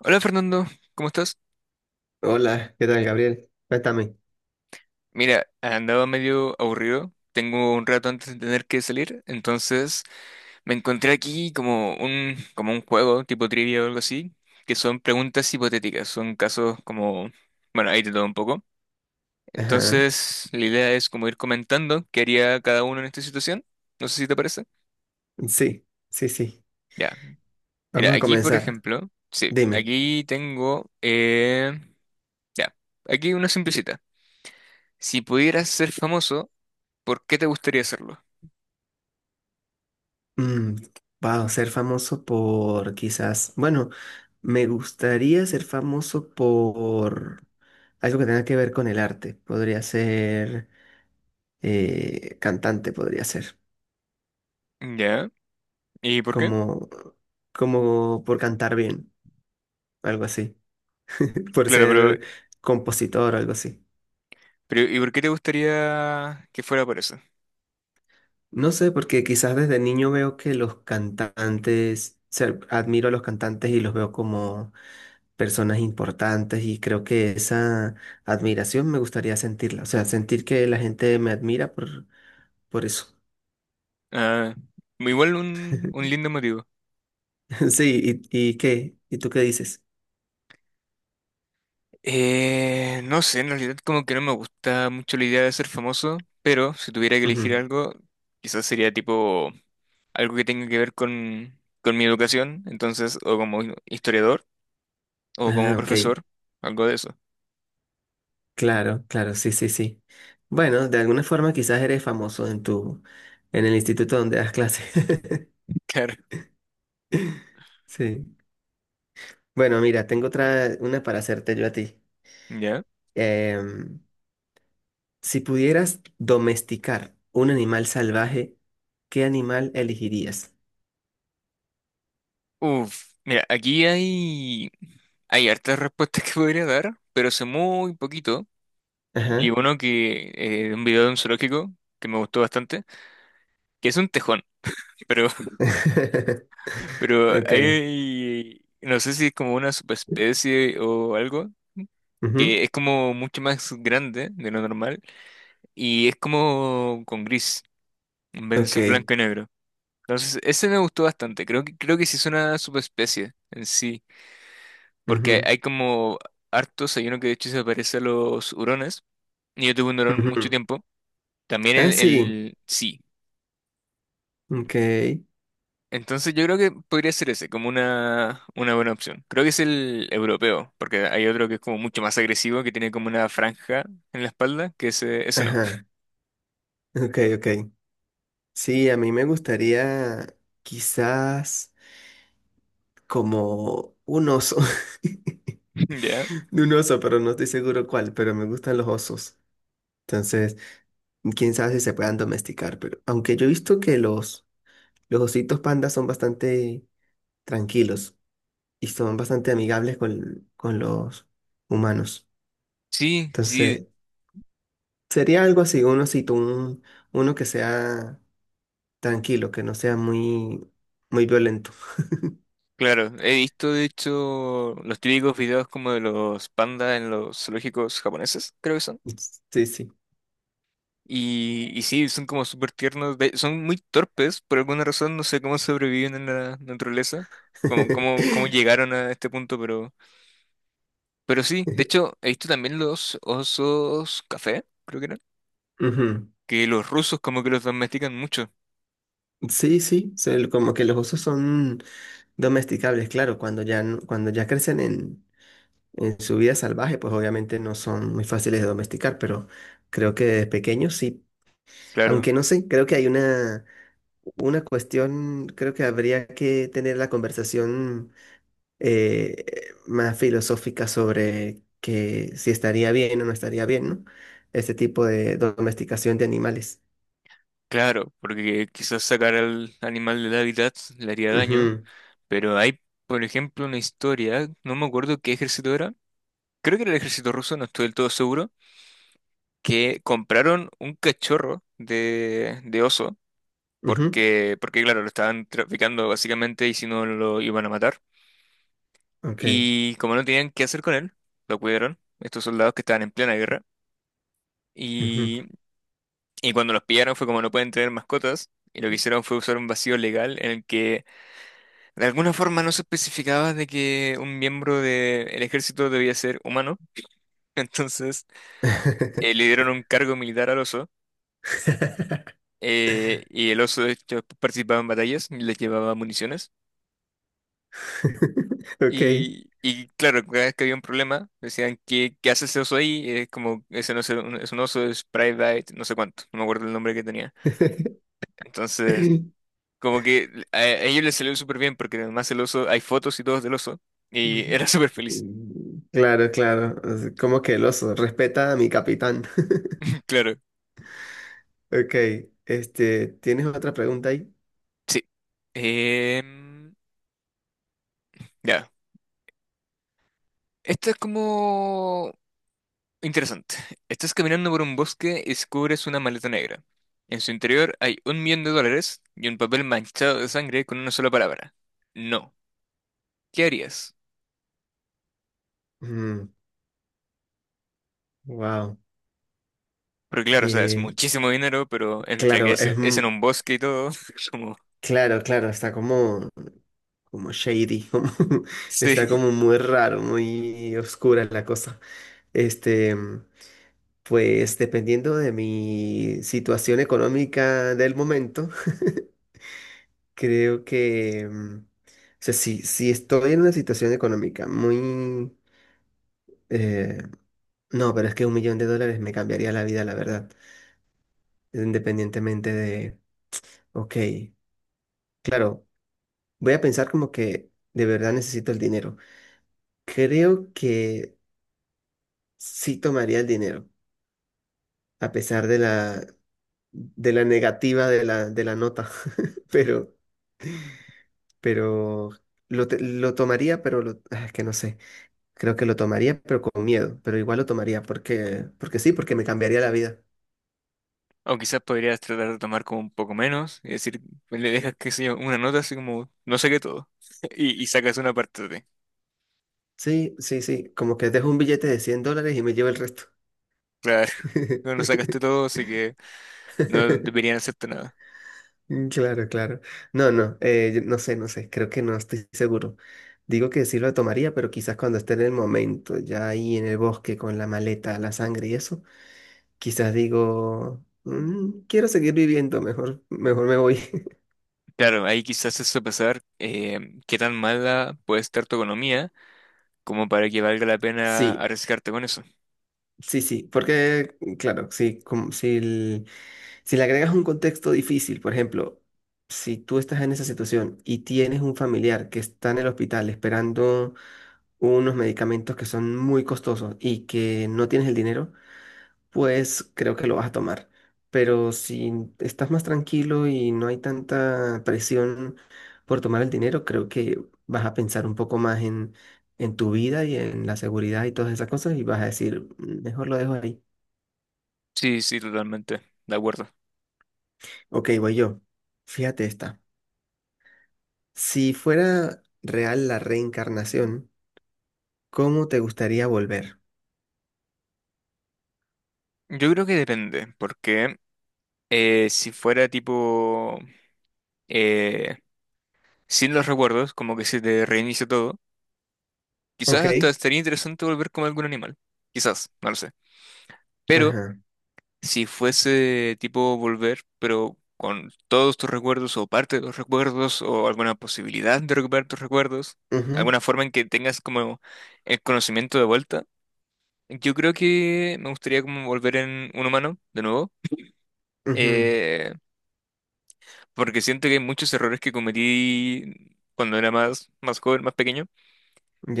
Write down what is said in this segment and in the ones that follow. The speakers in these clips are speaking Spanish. Hola Fernando, ¿cómo estás? Hola, ¿qué tal, Gabriel? Cuéntame. Mira, andaba medio aburrido. Tengo un rato antes de tener que salir, entonces me encontré aquí como un juego tipo trivia o algo así, que son preguntas hipotéticas, son casos como, bueno, ahí te todo un poco. Ajá. Entonces, la idea es como ir comentando qué haría cada uno en esta situación. No sé si te parece. Sí, sí, sí. Ya, mira, Vamos a aquí por comenzar. ejemplo, sí, Dime. aquí tengo, ya, aquí una simplecita. Si pudieras ser famoso, ¿por qué te gustaría hacerlo? Mm, wow, ser famoso por quizás. Bueno, me gustaría ser famoso por algo que tenga que ver con el arte. Podría ser cantante, podría ser. Ya. ¿Y por qué? Como, como por cantar bien, algo así. Por Claro, ser compositor, algo así. pero ¿y por qué te gustaría que fuera por eso? No sé, porque quizás desde niño veo que los cantantes, o admiro a los cantantes y los veo como personas importantes y creo que esa admiración me gustaría sentirla, o sea, sentir que la gente me admira por eso. Ah, igual un lindo motivo. Sí, y qué? ¿Y tú qué dices? No sé, en realidad como que no me gusta mucho la idea de ser famoso, pero si tuviera que elegir Ujú. algo, quizás sería tipo algo que tenga que ver con mi educación, entonces, o como historiador, o como Ah, ok, profesor, algo de eso. claro, claro, sí, sí, sí. Bueno, de alguna forma quizás eres famoso en tu, en el instituto donde das clases. Claro. Sí. Bueno, mira, tengo otra, una para hacerte yo a ti. ¿Ya? Em, Si pudieras domesticar un animal salvaje, ¿qué animal elegirías? Uf, mira, hay hartas respuestas que podría dar, pero sé muy poquito vi Ajá. uno que, de un video de un zoológico que me gustó bastante, que es un tejón, pero, pero Ok. hay, no sé si es como una subespecie o algo, Ujú. que es como mucho más grande de lo normal y es como con gris, en vez de ser Ok. blanco y negro. Entonces, ese me gustó bastante, creo que sí es una subespecie en sí, porque Ujú, hay como hartos, hay uno que de hecho se parece a los hurones, y yo tuve un hurón mucho ujú. tiempo, también Ah, el, sí. el sí. Ok. Entonces yo creo que podría ser ese, como una buena opción. Creo que es el europeo, porque hay otro que es como mucho más agresivo, que tiene como una franja en la espalda, que ese no. Ajá. Ok, ok. Sí, a mí me gustaría quizás como un oso. ¿Ya? Un oso, pero no estoy seguro cuál, pero me gustan los osos. Entonces, quién sabe si se puedan domesticar, pero aunque yo he visto que los ositos pandas son bastante tranquilos y son bastante amigables con los humanos. Sí, sí, Entonces, sería algo así, uno, si tú, un- uno que sea tranquilo, que no sea muy, muy violento. claro. He visto, de hecho, los típicos videos como de los pandas en los zoológicos japoneses, creo que son. Sí, sí. Y sí, son como súper tiernos, de- son muy torpes, por alguna razón, no sé cómo sobreviven en la naturaleza, cómo llegaron a este punto, pero sí, de hecho, he visto también los osos café, creo que eran, Ujú. que los rusos como que los domestican mucho, Sí, sí, son como que los osos son domesticables, claro, cuando ya, no- cuando ya crecen en su vida salvaje, pues obviamente no son muy fáciles de domesticar, pero creo que de pequeños sí, claro, aunque no sé, creo que hay una cuestión, creo que habría que tener la conversación eh, más filosófica sobre que si estaría bien o no estaría bien, ¿no? Este tipo de domesticación de animales. claro, porque quizás sacar al animal del hábitat le haría daño, Ujú, pero hay, por ejemplo, una historia, no me acuerdo qué ejército era, creo que era el ejército ruso, no estoy del todo seguro que compraron un cachorro de oso, ujú. porque claro, lo estaban traficando básicamente y si no lo iban a matar. Ok. Y como no tenían qué hacer con él, lo cuidaron, estos soldados que estaban en plena guerra. Ujú. Y, y cuando los pillaron fue como no pueden tener mascotas. Y lo que hicieron fue usar un vacío legal en el que de alguna forma no se especificaba de que un miembro del ejército debía ser humano. Entonces le dieron un cargo militar al oso, y el oso de hecho, participaba en batallas y les llevaba municiones. Ok. Y claro, cada vez que había un problema, decían, ¿qué, qué hace ese oso ahí? Es como, ese no es un, es un oso, es Private, no sé cuánto, no me acuerdo el nombre que tenía. Entonces, como que a ellos les salió súper bien, porque además el oso, hay fotos y todo del oso, y era súper feliz, Claro, claro. Como que el oso respeta a mi capitán. claro. Ok. Este, ¿tienes otra pregunta ahí? Sí. Em, ya. Esto es como interesante. Estás caminando por un bosque y descubres una maleta negra. En su interior hay un millón de dólares y un papel manchado de sangre con una sola palabra. No. ¿Qué harías? Wow. Porque claro, o sea, es Que, muchísimo dinero, pero entre que claro, es en un bosque y todo, es como... claro, claro, está como, como shady, como, está Sí. como muy raro, muy oscura la cosa. Este, pues dependiendo de mi situación económica del momento, creo que, mm, o sea, si, si estoy en una situación económica muy, eh, no, pero es que $1.000.000 me cambiaría la vida, la verdad, independientemente de, ok, claro. Voy a pensar como que de verdad necesito el dinero. Creo que sí tomaría el dinero, a pesar de la negativa de la nota. Pero, pero lo tomaría, pero lo, ah, es que no sé. Creo que lo tomaría, pero con miedo. Pero igual lo tomaría porque, porque sí, porque me cambiaría la vida. O quizás podrías tratar de tomar como un poco menos y decir, pues, le dejas, qué sé yo, una nota así como, no sé qué todo. Y, y sacas una parte de ti. Sí, sí, sí. Como que dejo un billete de $100 y me llevo el resto. Claro, no no sacaste todo, así que no deberían hacerte nada. Mm, claro, claro. No, no, yo no sé, no sé, creo que no estoy seguro. Digo que sí lo tomaría, pero quizás cuando esté en el momento, ya ahí en el bosque con la maleta, la sangre y eso, quizás digo, "Mm, quiero seguir viviendo, mejor, mejor me voy". Claro, ahí quizás es sopesar qué tan mala puede estar tu economía como para que valga la pena Sí, arriesgarte con eso. sí, sí, porque, claro, sí, como si, el- si le agregas un contexto difícil, por ejemplo, si tú estás en esa situación y tienes un familiar que está en el hospital esperando unos medicamentos que son muy costosos y que no tienes el dinero, pues creo que lo vas a tomar. Pero si estás más tranquilo y no hay tanta presión por tomar el dinero, creo que vas a pensar un poco más en tu vida y en la seguridad y todas esas cosas y vas a decir, "Mm, mejor lo dejo ahí". Sí, sí, totalmente, de acuerdo. Ok, voy yo. Fíjate esta. Si fuera real la reencarnación, ¿cómo te gustaría volver? Yo creo que depende, porque si fuera tipo eh, sin los recuerdos, como que se te reinicia todo, quizás hasta Ok. estaría interesante volver como algún animal. Quizás, no lo sé. Pero Ajá. si fuese tipo volver, pero con todos tus recuerdos o parte de los recuerdos o alguna posibilidad de recuperar tus recuerdos, Ujú, alguna forma en que tengas como el conocimiento de vuelta, yo creo que me gustaría como volver en un humano de nuevo, ujú. eh, porque siento que hay muchos errores que cometí cuando era más joven, más pequeño,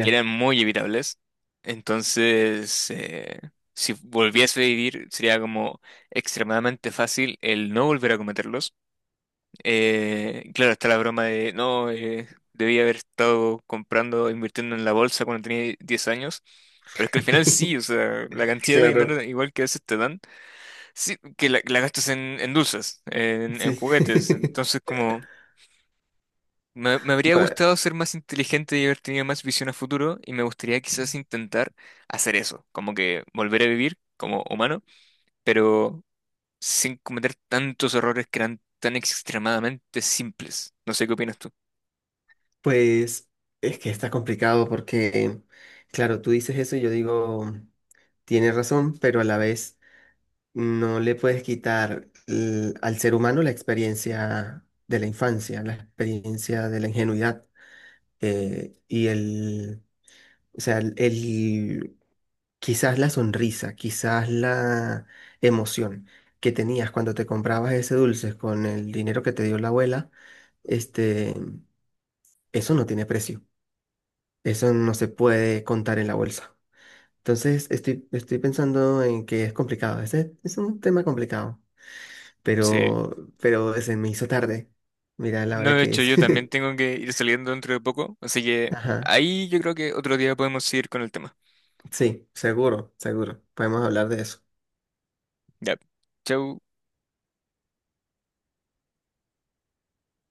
que eran muy evitables. Entonces, si volviese a vivir, sería como extremadamente fácil el no volver a cometerlos. Claro, está la broma de, no, debía haber estado comprando, invirtiendo en la bolsa cuando tenía 10 años. Pero es que al final sí, o sea, la cantidad de dinero Claro, igual que a veces te dan, sí, que la gastas en dulces, en sí. juguetes. Entonces, como me habría Ba- gustado ser más inteligente y haber tenido más visión a futuro, y me gustaría quizás intentar hacer eso, como que volver a vivir como humano, pero sin cometer tantos errores que eran tan extremadamente simples. No sé qué opinas tú. Pues es que está complicado porque, claro, tú dices eso y yo digo, tienes razón, pero a la vez no le puedes quitar al ser humano la experiencia de la infancia, la experiencia de la ingenuidad y el, o sea, quizás la sonrisa, quizás la emoción que tenías cuando te comprabas ese dulce con el dinero que te dio la abuela, este. Eso no tiene precio. Eso no se puede contar en la bolsa. Entonces, estoy, estoy pensando en que es complicado. Ese es un tema complicado. Sí, Pero se me hizo tarde. Mira la no, hora de que hecho es. yo también tengo que ir saliendo dentro de poco, así que Ajá. ahí yo creo que otro día podemos seguir con el tema. Sí, seguro, seguro. Podemos hablar de eso. Ya, chau.